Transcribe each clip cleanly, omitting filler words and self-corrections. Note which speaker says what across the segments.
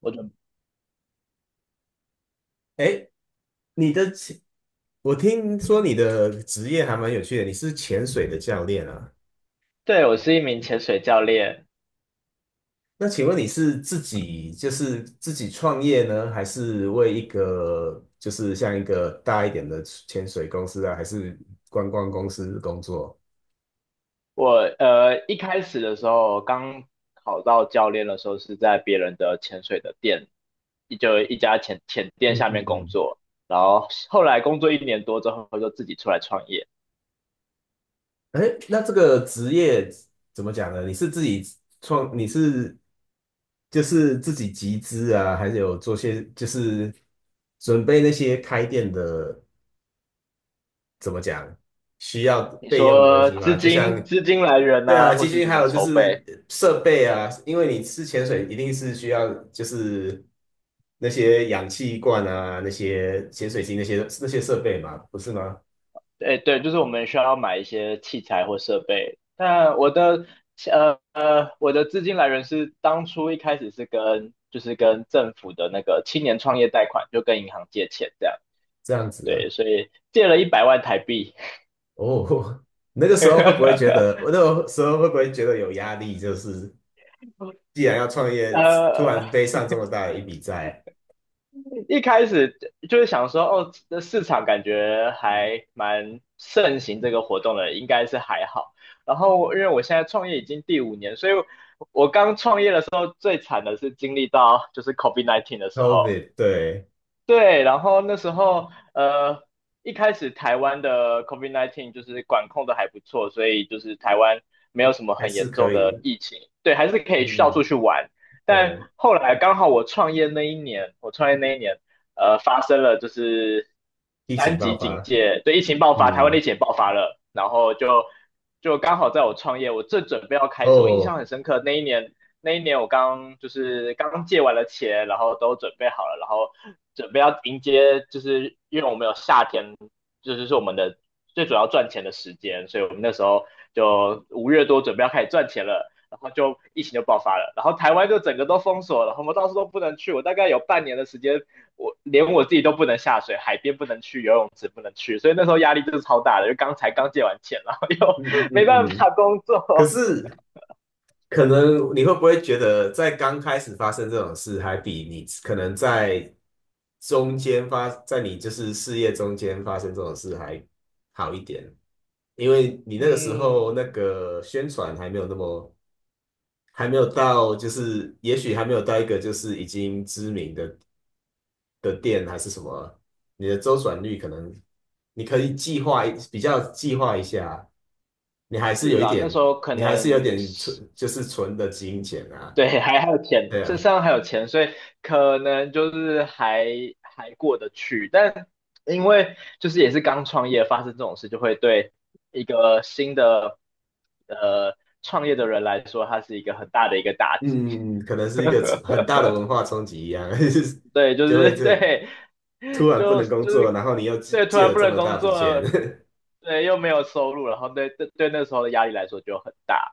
Speaker 1: 我准，
Speaker 2: 哎，你的潜，我听说你的职业还蛮有趣的，你是潜水的教练啊。
Speaker 1: 对，我是一名潜水教练。
Speaker 2: 那请问你是自己创业呢，还是为一个就是像一个大一点的潜水公司啊，还是观光公司工作？
Speaker 1: 我一开始的时候，刚考到教练的时候是在别人的潜水的店，一家潜店
Speaker 2: 嗯
Speaker 1: 下
Speaker 2: 嗯
Speaker 1: 面工
Speaker 2: 嗯。
Speaker 1: 作。然后后来工作1年多之后，就自己出来创业。
Speaker 2: 哎，那这个职业怎么讲呢？你是就是自己集资啊，还是有做些就是准备那些开店的？怎么讲，需要
Speaker 1: 你
Speaker 2: 备用的东
Speaker 1: 说
Speaker 2: 西
Speaker 1: 资
Speaker 2: 吗？
Speaker 1: 金资金来源
Speaker 2: 对
Speaker 1: 啊，
Speaker 2: 啊，
Speaker 1: 或
Speaker 2: 基
Speaker 1: 是
Speaker 2: 金
Speaker 1: 怎
Speaker 2: 还
Speaker 1: 么
Speaker 2: 有就
Speaker 1: 筹
Speaker 2: 是
Speaker 1: 备，
Speaker 2: 设备啊，因为你吃潜水一定是需要就是那些氧气罐啊、那些潜水机那些设备嘛，不是吗？
Speaker 1: 哎，对，就是我们需要买一些器材或设备。那我的资金来源是当初一开始是跟就是跟政府的那个青年创业贷款，就跟银行借钱这样。
Speaker 2: 这样子
Speaker 1: 对，
Speaker 2: 的
Speaker 1: 所以借了100万台币。
Speaker 2: 哦，那个时候会不会觉得，我 那个时候会不会觉得有压力？就是既然要创业，突
Speaker 1: 呃，
Speaker 2: 然背上这么大的一笔债
Speaker 1: 一开始就是想说，哦，这市场感觉还蛮盛行这个活动的，应该是还好。然后因为我现在创业已经第五年，所以我刚创业的时候最惨的是经历到就是 COVID-19 的时候，
Speaker 2: ，COVID，对。
Speaker 1: 对，然后那时候一开始台湾的 COVID-19 就是管控的还不错，所以就是台湾没有什么
Speaker 2: 还
Speaker 1: 很
Speaker 2: 是
Speaker 1: 严
Speaker 2: 可
Speaker 1: 重的
Speaker 2: 以。
Speaker 1: 疫情，对，还是可
Speaker 2: 嗯
Speaker 1: 以去到处
Speaker 2: 嗯。
Speaker 1: 去玩。
Speaker 2: 对，
Speaker 1: 但后来刚好我创业那一年，发生了就是
Speaker 2: 疫情
Speaker 1: 三
Speaker 2: 爆
Speaker 1: 级警
Speaker 2: 发。
Speaker 1: 戒，对，疫情爆发，台湾的疫
Speaker 2: 嗯。
Speaker 1: 情也爆发了，然后就刚好在我创业，我正准备要开始，我印象
Speaker 2: 哦。
Speaker 1: 很深刻，那一年我刚就是刚借完了钱，然后都准备好了，然后准备要迎接，就是因为我们有夏天，就是我们的最主要赚钱的时间，所以我们那时候就5月多准备要开始赚钱了，然后就疫情就爆发了，然后台湾就整个都封锁了，然后我们到处都不能去，我大概有半年的时间，我连我自己都不能下水，海边不能去，游泳池不能去，所以那时候压力就是超大的，就刚才刚借完钱，然后又
Speaker 2: 嗯嗯
Speaker 1: 没
Speaker 2: 嗯
Speaker 1: 办
Speaker 2: 嗯。
Speaker 1: 法工
Speaker 2: 可
Speaker 1: 作，
Speaker 2: 是可能你会不会觉得，在刚开始发生这种事，还比你可能在中间发，在你就是事业中间发生这种事还好一点？因为你那个时候那
Speaker 1: 嗯。
Speaker 2: 个宣传还没有那么，还没有到，就是也许还没有到一个就是已经知名的店还是什么，你的周转率可能你可以计划一比较计划一下，你还是
Speaker 1: 是
Speaker 2: 有一
Speaker 1: 啦，那
Speaker 2: 点，
Speaker 1: 时候可
Speaker 2: 你还是有
Speaker 1: 能
Speaker 2: 点存，
Speaker 1: 是
Speaker 2: 就是存的金钱啊。
Speaker 1: 对，还有钱，
Speaker 2: 对啊。
Speaker 1: 身上还有钱，所以可能就是还过得去。但因为就是也是刚创业，发生这种事，就会对一个新的呃创业的人来说，它是一个很大的一个打击。
Speaker 2: 嗯，可能是一个很 大的文化冲击一样。就是
Speaker 1: 对，就
Speaker 2: 就
Speaker 1: 是
Speaker 2: 会这
Speaker 1: 对，
Speaker 2: 突然不
Speaker 1: 就就
Speaker 2: 能工作，
Speaker 1: 是
Speaker 2: 然后你又借
Speaker 1: 对，突
Speaker 2: 借
Speaker 1: 然
Speaker 2: 了
Speaker 1: 不
Speaker 2: 这
Speaker 1: 能
Speaker 2: 么大
Speaker 1: 工
Speaker 2: 笔钱。
Speaker 1: 作，对，又没有收入，然后对对对，那时候的压力来说就很大。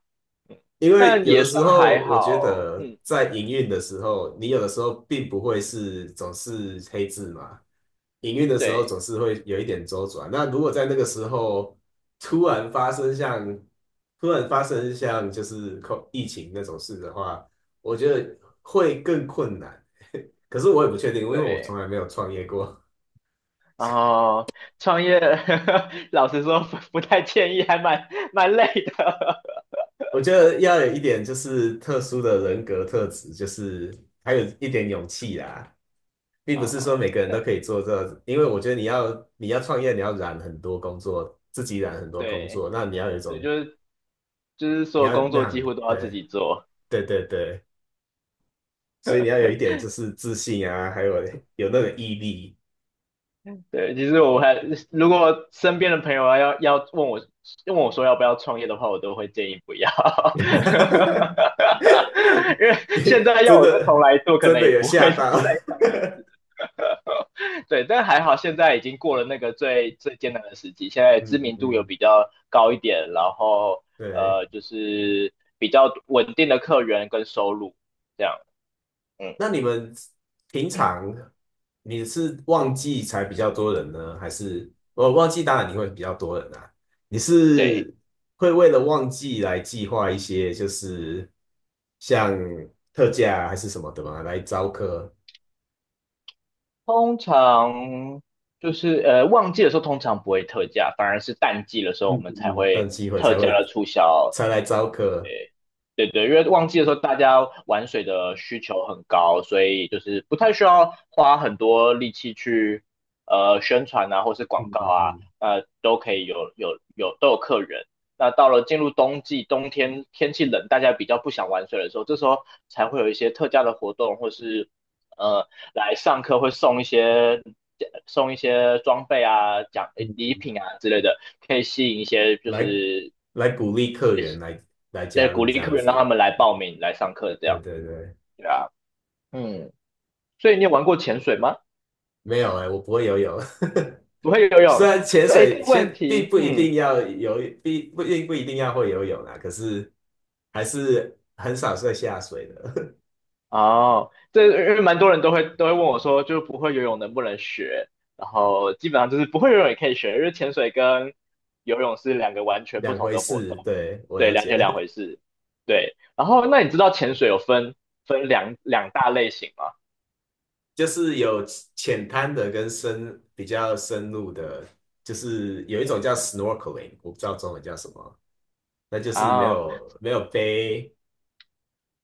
Speaker 1: 嗯
Speaker 2: 因为
Speaker 1: 但
Speaker 2: 有的
Speaker 1: 也
Speaker 2: 时
Speaker 1: 算还
Speaker 2: 候，我觉
Speaker 1: 好，
Speaker 2: 得
Speaker 1: 嗯。
Speaker 2: 在营运的时候，你有的时候并不会是总是黑字嘛。营运的时候总
Speaker 1: 对
Speaker 2: 是会有一点周转。那如果在那个时候突然发生像突然发生像就是疫情那种事的话，我觉得会更困难。可是我也不确定，因为我从
Speaker 1: 对，
Speaker 2: 来没有创业过。
Speaker 1: 然后创业，老实说不太建议，还蛮累的。
Speaker 2: 我觉得要有一点就是特殊的人格特质，就是还有一点勇气啦。并不是说
Speaker 1: 哦，
Speaker 2: 每个人都可以
Speaker 1: 对
Speaker 2: 做这，因为我觉得你要创业，你要染很多工作，自己染很多工
Speaker 1: 对
Speaker 2: 作，那你要有一
Speaker 1: 对，
Speaker 2: 种
Speaker 1: 就是所
Speaker 2: 你
Speaker 1: 有
Speaker 2: 要
Speaker 1: 工
Speaker 2: 那
Speaker 1: 作几
Speaker 2: 样。
Speaker 1: 乎都要自
Speaker 2: 对
Speaker 1: 己做。
Speaker 2: 对对对。所以你要有一点就是自信啊，还有那个毅力。
Speaker 1: 对，其实我如果身边的朋友啊要问我说要不要创业的话，我都会建议不要，因为现在要
Speaker 2: 真
Speaker 1: 我再
Speaker 2: 的
Speaker 1: 重来做，可
Speaker 2: 真
Speaker 1: 能
Speaker 2: 的
Speaker 1: 也
Speaker 2: 有
Speaker 1: 不
Speaker 2: 吓
Speaker 1: 会再
Speaker 2: 到。
Speaker 1: 再创业对，但还好现在已经过了那个最最艰难的时期，现 在知
Speaker 2: 嗯嗯
Speaker 1: 名度有
Speaker 2: 嗯。
Speaker 1: 比较高一点，然后
Speaker 2: 对。
Speaker 1: 就是比较稳定的客源跟收入这样。嗯，
Speaker 2: 那你们平常你是旺季才比较多人呢，还是旺季当然你会比较多人啊？你
Speaker 1: 对，
Speaker 2: 是会为了旺季来计划一些就是像特价啊还是什么的吗？来招客。
Speaker 1: 通常就是旺季的时候通常不会特价，反而是淡季的时候
Speaker 2: 嗯
Speaker 1: 我
Speaker 2: 嗯
Speaker 1: 们才
Speaker 2: 嗯。等
Speaker 1: 会
Speaker 2: 机会
Speaker 1: 特
Speaker 2: 才
Speaker 1: 价
Speaker 2: 会
Speaker 1: 的促销。
Speaker 2: 才来招客。
Speaker 1: 对对，因为旺季的时候大家玩水的需求很高，所以就是不太需要花很多力气去宣传啊，或是广
Speaker 2: 嗯
Speaker 1: 告
Speaker 2: 嗯
Speaker 1: 啊，
Speaker 2: 嗯
Speaker 1: 都可以有都有客人。那到了进入冬季，冬天天气冷，大家比较不想玩水的时候，这时候才会有一些特价的活动，或是呃来上课会送一些装备啊、奖
Speaker 2: 嗯。
Speaker 1: 礼品啊之类的，可以吸引一些就
Speaker 2: 来
Speaker 1: 是
Speaker 2: 来鼓励客源来
Speaker 1: 对
Speaker 2: 加
Speaker 1: 鼓
Speaker 2: 入这
Speaker 1: 励
Speaker 2: 样
Speaker 1: 客人让他
Speaker 2: 子。
Speaker 1: 们来报名来上课这
Speaker 2: 对
Speaker 1: 样。
Speaker 2: 对对。
Speaker 1: 啊，嗯，所以你有玩过潜水吗？
Speaker 2: 没有哎、我不会游泳。
Speaker 1: 不会游
Speaker 2: 虽
Speaker 1: 泳，
Speaker 2: 然 潜
Speaker 1: 这
Speaker 2: 水
Speaker 1: 个问
Speaker 2: 先并
Speaker 1: 题，
Speaker 2: 不一
Speaker 1: 嗯，
Speaker 2: 定要游，并不一定要会游泳啊，可是还是很少会下水的。
Speaker 1: 哦，因为蛮多人都会问我说，就是不会游泳能不能学？然后基本上就是不会游泳也可以学，因为潜水跟游泳是两个完 全不
Speaker 2: 两
Speaker 1: 同
Speaker 2: 回
Speaker 1: 的活
Speaker 2: 事。
Speaker 1: 动，
Speaker 2: 对，我
Speaker 1: 对，
Speaker 2: 了
Speaker 1: 两
Speaker 2: 解。
Speaker 1: 回事。对，然后那你知道潜水有分两大类型吗？
Speaker 2: 就是有浅滩的跟比较深入的，就是有一种叫 snorkeling，我不知道中文叫什么，那就是没
Speaker 1: 啊，
Speaker 2: 有没有背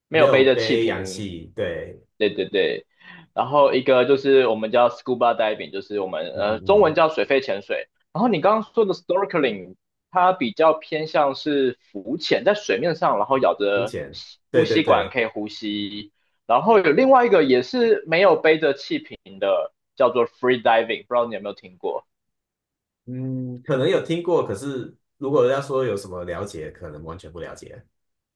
Speaker 1: 没
Speaker 2: 没
Speaker 1: 有
Speaker 2: 有
Speaker 1: 背着气
Speaker 2: 背氧
Speaker 1: 瓶。
Speaker 2: 气。对。
Speaker 1: 对对对，然后一个就是我们叫 scuba diving,就是我们
Speaker 2: 嗯嗯
Speaker 1: 中文
Speaker 2: 嗯。
Speaker 1: 叫水肺潜水。然后你刚刚说的 snorkeling,它比较偏向是浮潜，在水面上，然后咬
Speaker 2: 浮
Speaker 1: 着
Speaker 2: 潜。
Speaker 1: 呼
Speaker 2: 对对
Speaker 1: 吸管
Speaker 2: 对。
Speaker 1: 可以呼吸。然后有另外一个也是没有背着气瓶的，叫做 free diving,不知道你有没有听过？
Speaker 2: 嗯，可能有听过，可是如果要说有什么了解，可能完全不了解。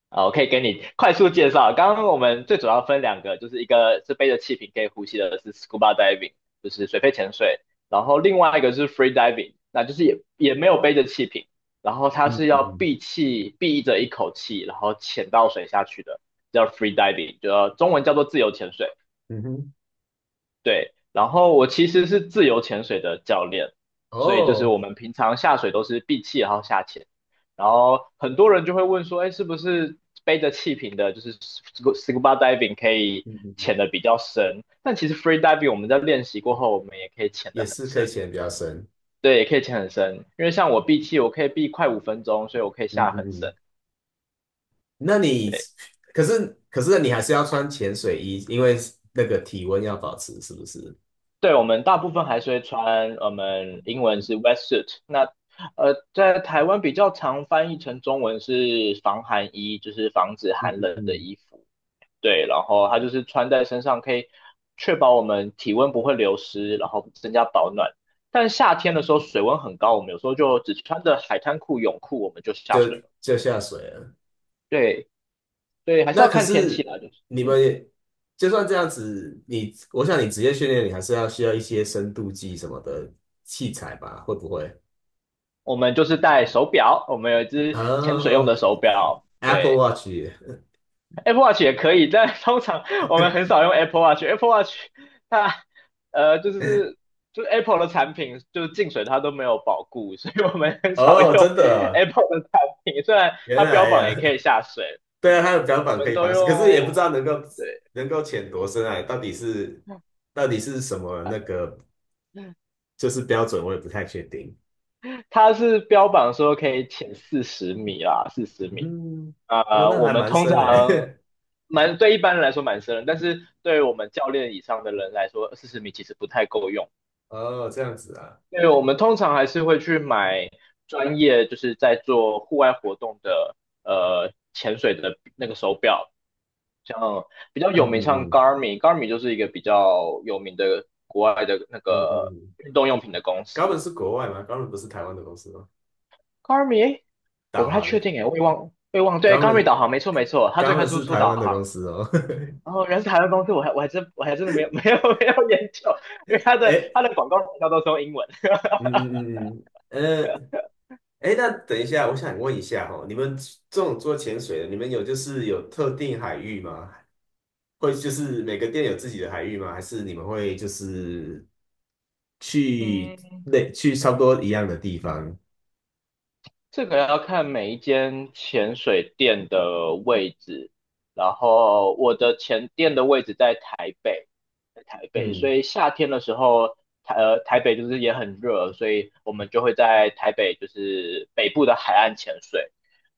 Speaker 1: 啊，我可以给你快速介绍。刚刚我们最主要分两个，就是一个是背着气瓶可以呼吸的是 scuba diving,就是水肺潜水，然后另外一个是 free diving,那就是也没有背着气瓶，然后它
Speaker 2: 嗯
Speaker 1: 是要
Speaker 2: 嗯
Speaker 1: 闭着一口气，然后潜到水下去的，叫 free diving,就中文叫做自由潜水。
Speaker 2: 嗯哼。
Speaker 1: 对，然后我其实是自由潜水的教练，所以就是
Speaker 2: 哦。
Speaker 1: 我们平常下水都是闭气然后下潜，然后很多人就会问说，哎，是不是背着气瓶的，就是 scuba diving 可以
Speaker 2: 嗯嗯。
Speaker 1: 潜的比较深？但其实 free diving 我们在练习过后，我们也可以潜
Speaker 2: 也
Speaker 1: 的很
Speaker 2: 是可以
Speaker 1: 深，
Speaker 2: 潜得比较深。
Speaker 1: 对，也可以潜很深，因为像我闭气，我可以闭快5分钟，所以我可以
Speaker 2: 嗯
Speaker 1: 下
Speaker 2: 嗯
Speaker 1: 很深。
Speaker 2: 嗯。那你
Speaker 1: 对。
Speaker 2: 可是你还是要穿潜水衣，因为那个体温要保持，是不是？
Speaker 1: 对，我们大部分还是会穿，我们英文是 wetsuit。那在台湾比较常翻译成中文是防寒衣，就是防止寒冷的
Speaker 2: 嗯，
Speaker 1: 衣服。对，然后它就是穿在身上，可以确保我们体温不会流失，然后增加保暖。但夏天的时候水温很高，我们有时候就只穿着海滩裤、泳裤，我们就下水
Speaker 2: 就
Speaker 1: 了。
Speaker 2: 就下水了。
Speaker 1: 对，对，还是
Speaker 2: 那
Speaker 1: 要
Speaker 2: 可
Speaker 1: 看天气
Speaker 2: 是
Speaker 1: 啦，就是
Speaker 2: 你
Speaker 1: 嗯，
Speaker 2: 们也就算这样子，我想你职业训练，你还是需要一些深度计什么的器材吧？会不会？
Speaker 1: 我们就是戴手表，我们有1只潜水用
Speaker 2: 啊，
Speaker 1: 的手表。
Speaker 2: a p p l e
Speaker 1: 对。
Speaker 2: Watch。
Speaker 1: Apple Watch 也可以，但通常我们很少用 Apple Watch。Apple Watch 它呃就是就是 Apple 的产品就是进水它都没有保固，所以我们很少
Speaker 2: 哦，
Speaker 1: 用
Speaker 2: 真的。
Speaker 1: Apple 的产品。虽然
Speaker 2: 原
Speaker 1: 它标
Speaker 2: 来
Speaker 1: 榜
Speaker 2: 呀。
Speaker 1: 也可以下水，
Speaker 2: 对啊，
Speaker 1: 嗯，
Speaker 2: 它的标
Speaker 1: 我
Speaker 2: 榜可
Speaker 1: 们
Speaker 2: 以
Speaker 1: 都
Speaker 2: 防水，可是
Speaker 1: 用，
Speaker 2: 也不知道能够
Speaker 1: 对，
Speaker 2: 能够潜多深啊，到底是什么那个就是标准，我也不太确定。
Speaker 1: 它是标榜说可以潜四十米啦，四十米。
Speaker 2: 嗯。哦，那
Speaker 1: 我
Speaker 2: 还
Speaker 1: 们
Speaker 2: 蛮
Speaker 1: 通
Speaker 2: 深
Speaker 1: 常
Speaker 2: 诶。
Speaker 1: 蛮对一般人来说蛮深的，但是对我们教练以上的人来说，四十米其实不太够用。
Speaker 2: 哦，这样子啊。
Speaker 1: 对，我们通常还是会去买专业，就是在做户外活动的，潜水的那个手表，像比较
Speaker 2: 嗯
Speaker 1: 有名，像
Speaker 2: 嗯嗯
Speaker 1: Garmin 就是一个比较有名的国外的那
Speaker 2: 嗯嗯
Speaker 1: 个
Speaker 2: 嗯。
Speaker 1: 运动用品的公
Speaker 2: 高本
Speaker 1: 司。
Speaker 2: 是国外吗？高本不是台湾的公司吗？
Speaker 1: Garmin,诶我
Speaker 2: 导
Speaker 1: 不太
Speaker 2: 航，
Speaker 1: 确定诶，我也忘，对
Speaker 2: 高
Speaker 1: ，Garmin
Speaker 2: 本
Speaker 1: 导航，没错没错，它
Speaker 2: 高
Speaker 1: 最开
Speaker 2: 本
Speaker 1: 始
Speaker 2: 是
Speaker 1: 出
Speaker 2: 台
Speaker 1: 导
Speaker 2: 湾的公
Speaker 1: 航。
Speaker 2: 司哦。
Speaker 1: 然后原来是台湾公司，我还真的没有 没有没有研究，因为
Speaker 2: 哎。
Speaker 1: 它的广告营销都是用英文。
Speaker 2: 嗯嗯嗯嗯。哎，那等一下，我想问一下哦，你们这种做潜水的，你们有就是有特定海域吗？会就是每个店有自己的海域吗？还是你们会就是去
Speaker 1: 嗯，
Speaker 2: 去差不多一样的地方？
Speaker 1: 这个要看每一间潜水店的位置，然后我的前店的位置在台北，所
Speaker 2: 嗯
Speaker 1: 以夏天的时候，台北就是也很热，所以我们就会在台北就是北部的海岸潜水。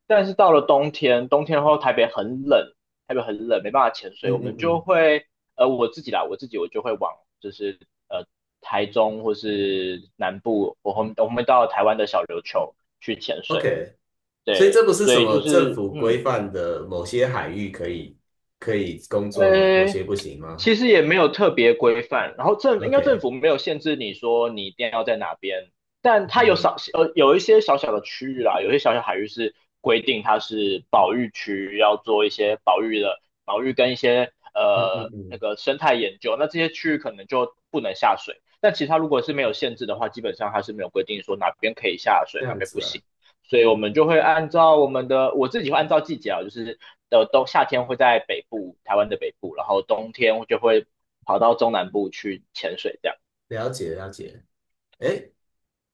Speaker 1: 但是到了冬天，冬天后台北很冷，没办法潜水，
Speaker 2: 嗯
Speaker 1: 我
Speaker 2: 嗯
Speaker 1: 们就
Speaker 2: 嗯
Speaker 1: 会呃我自己啦，我自己就会往就是呃台中或是南部，我们到台湾的小琉球去潜水。
Speaker 2: ，OK，所以
Speaker 1: 对，
Speaker 2: 这不是
Speaker 1: 所
Speaker 2: 什
Speaker 1: 以
Speaker 2: 么
Speaker 1: 就
Speaker 2: 政
Speaker 1: 是
Speaker 2: 府规范的某些海域可以工作吗？某
Speaker 1: 呃，
Speaker 2: 些不行吗
Speaker 1: 其实也没有特别规范，然后应该政
Speaker 2: ？OK。
Speaker 1: 府没有限制你说你一定要在哪边，但它有
Speaker 2: 嗯
Speaker 1: 少有一些小小的区域啦，有些小小海域是规定它是保育区，要做一些保育跟一些
Speaker 2: 嗯嗯
Speaker 1: 那
Speaker 2: 嗯。
Speaker 1: 个生态研究，那这些区域可能就不能下水。但其他如果是没有限制的话，基本上它是没有规定说哪边可以下
Speaker 2: 这
Speaker 1: 水，哪
Speaker 2: 样
Speaker 1: 边不
Speaker 2: 子啊，
Speaker 1: 行。所以我们就会按照我们的，我自己会按照季节啊，就是夏天会在北部，台湾的北部，然后冬天我就会跑到中南部去潜水这样。
Speaker 2: 了解了解。哎，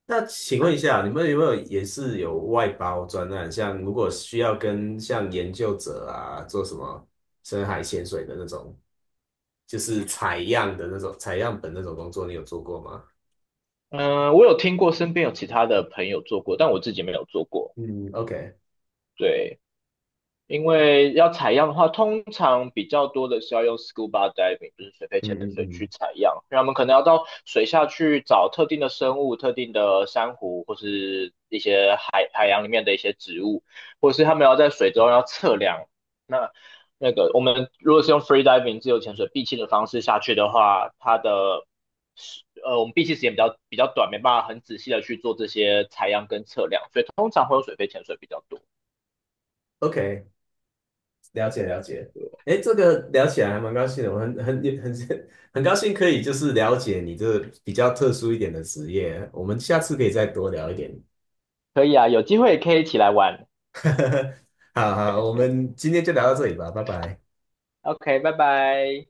Speaker 2: 那请问一下，你们有没有也是有外包专案？像如果需要像研究者啊做什么深海潜水的那种，就是采样本那种工作，你有做过吗？
Speaker 1: 嗯，我有听过身边有其他的朋友做过，但我自己没有做过。
Speaker 2: 嗯，OK。
Speaker 1: 对，因为要采样的话，通常比较多的是要用 scuba diving,就是水肺
Speaker 2: 嗯
Speaker 1: 潜
Speaker 2: 嗯
Speaker 1: 水去
Speaker 2: 嗯。
Speaker 1: 采样。那我们可能要到水下去找特定的生物、特定的珊瑚，或是一些海洋里面的一些植物，或是他们要在水中要测量。那那个我们如果是用 free diving 自由潜水闭气的方式下去的话，我们闭气时间比较短，没办法很仔细的去做这些采样跟测量，所以通常会用水肺潜水比较多。
Speaker 2: OK，了解了解。哎，这个聊起来还蛮高兴的，我很很很 很高兴可以就是了解你这比较特殊一点的职业，我们下次可以再多聊一点。
Speaker 1: 可以啊，有机会可以一起来玩。
Speaker 2: 好好，我们今天就聊到这里吧，拜拜。
Speaker 1: OK,拜拜。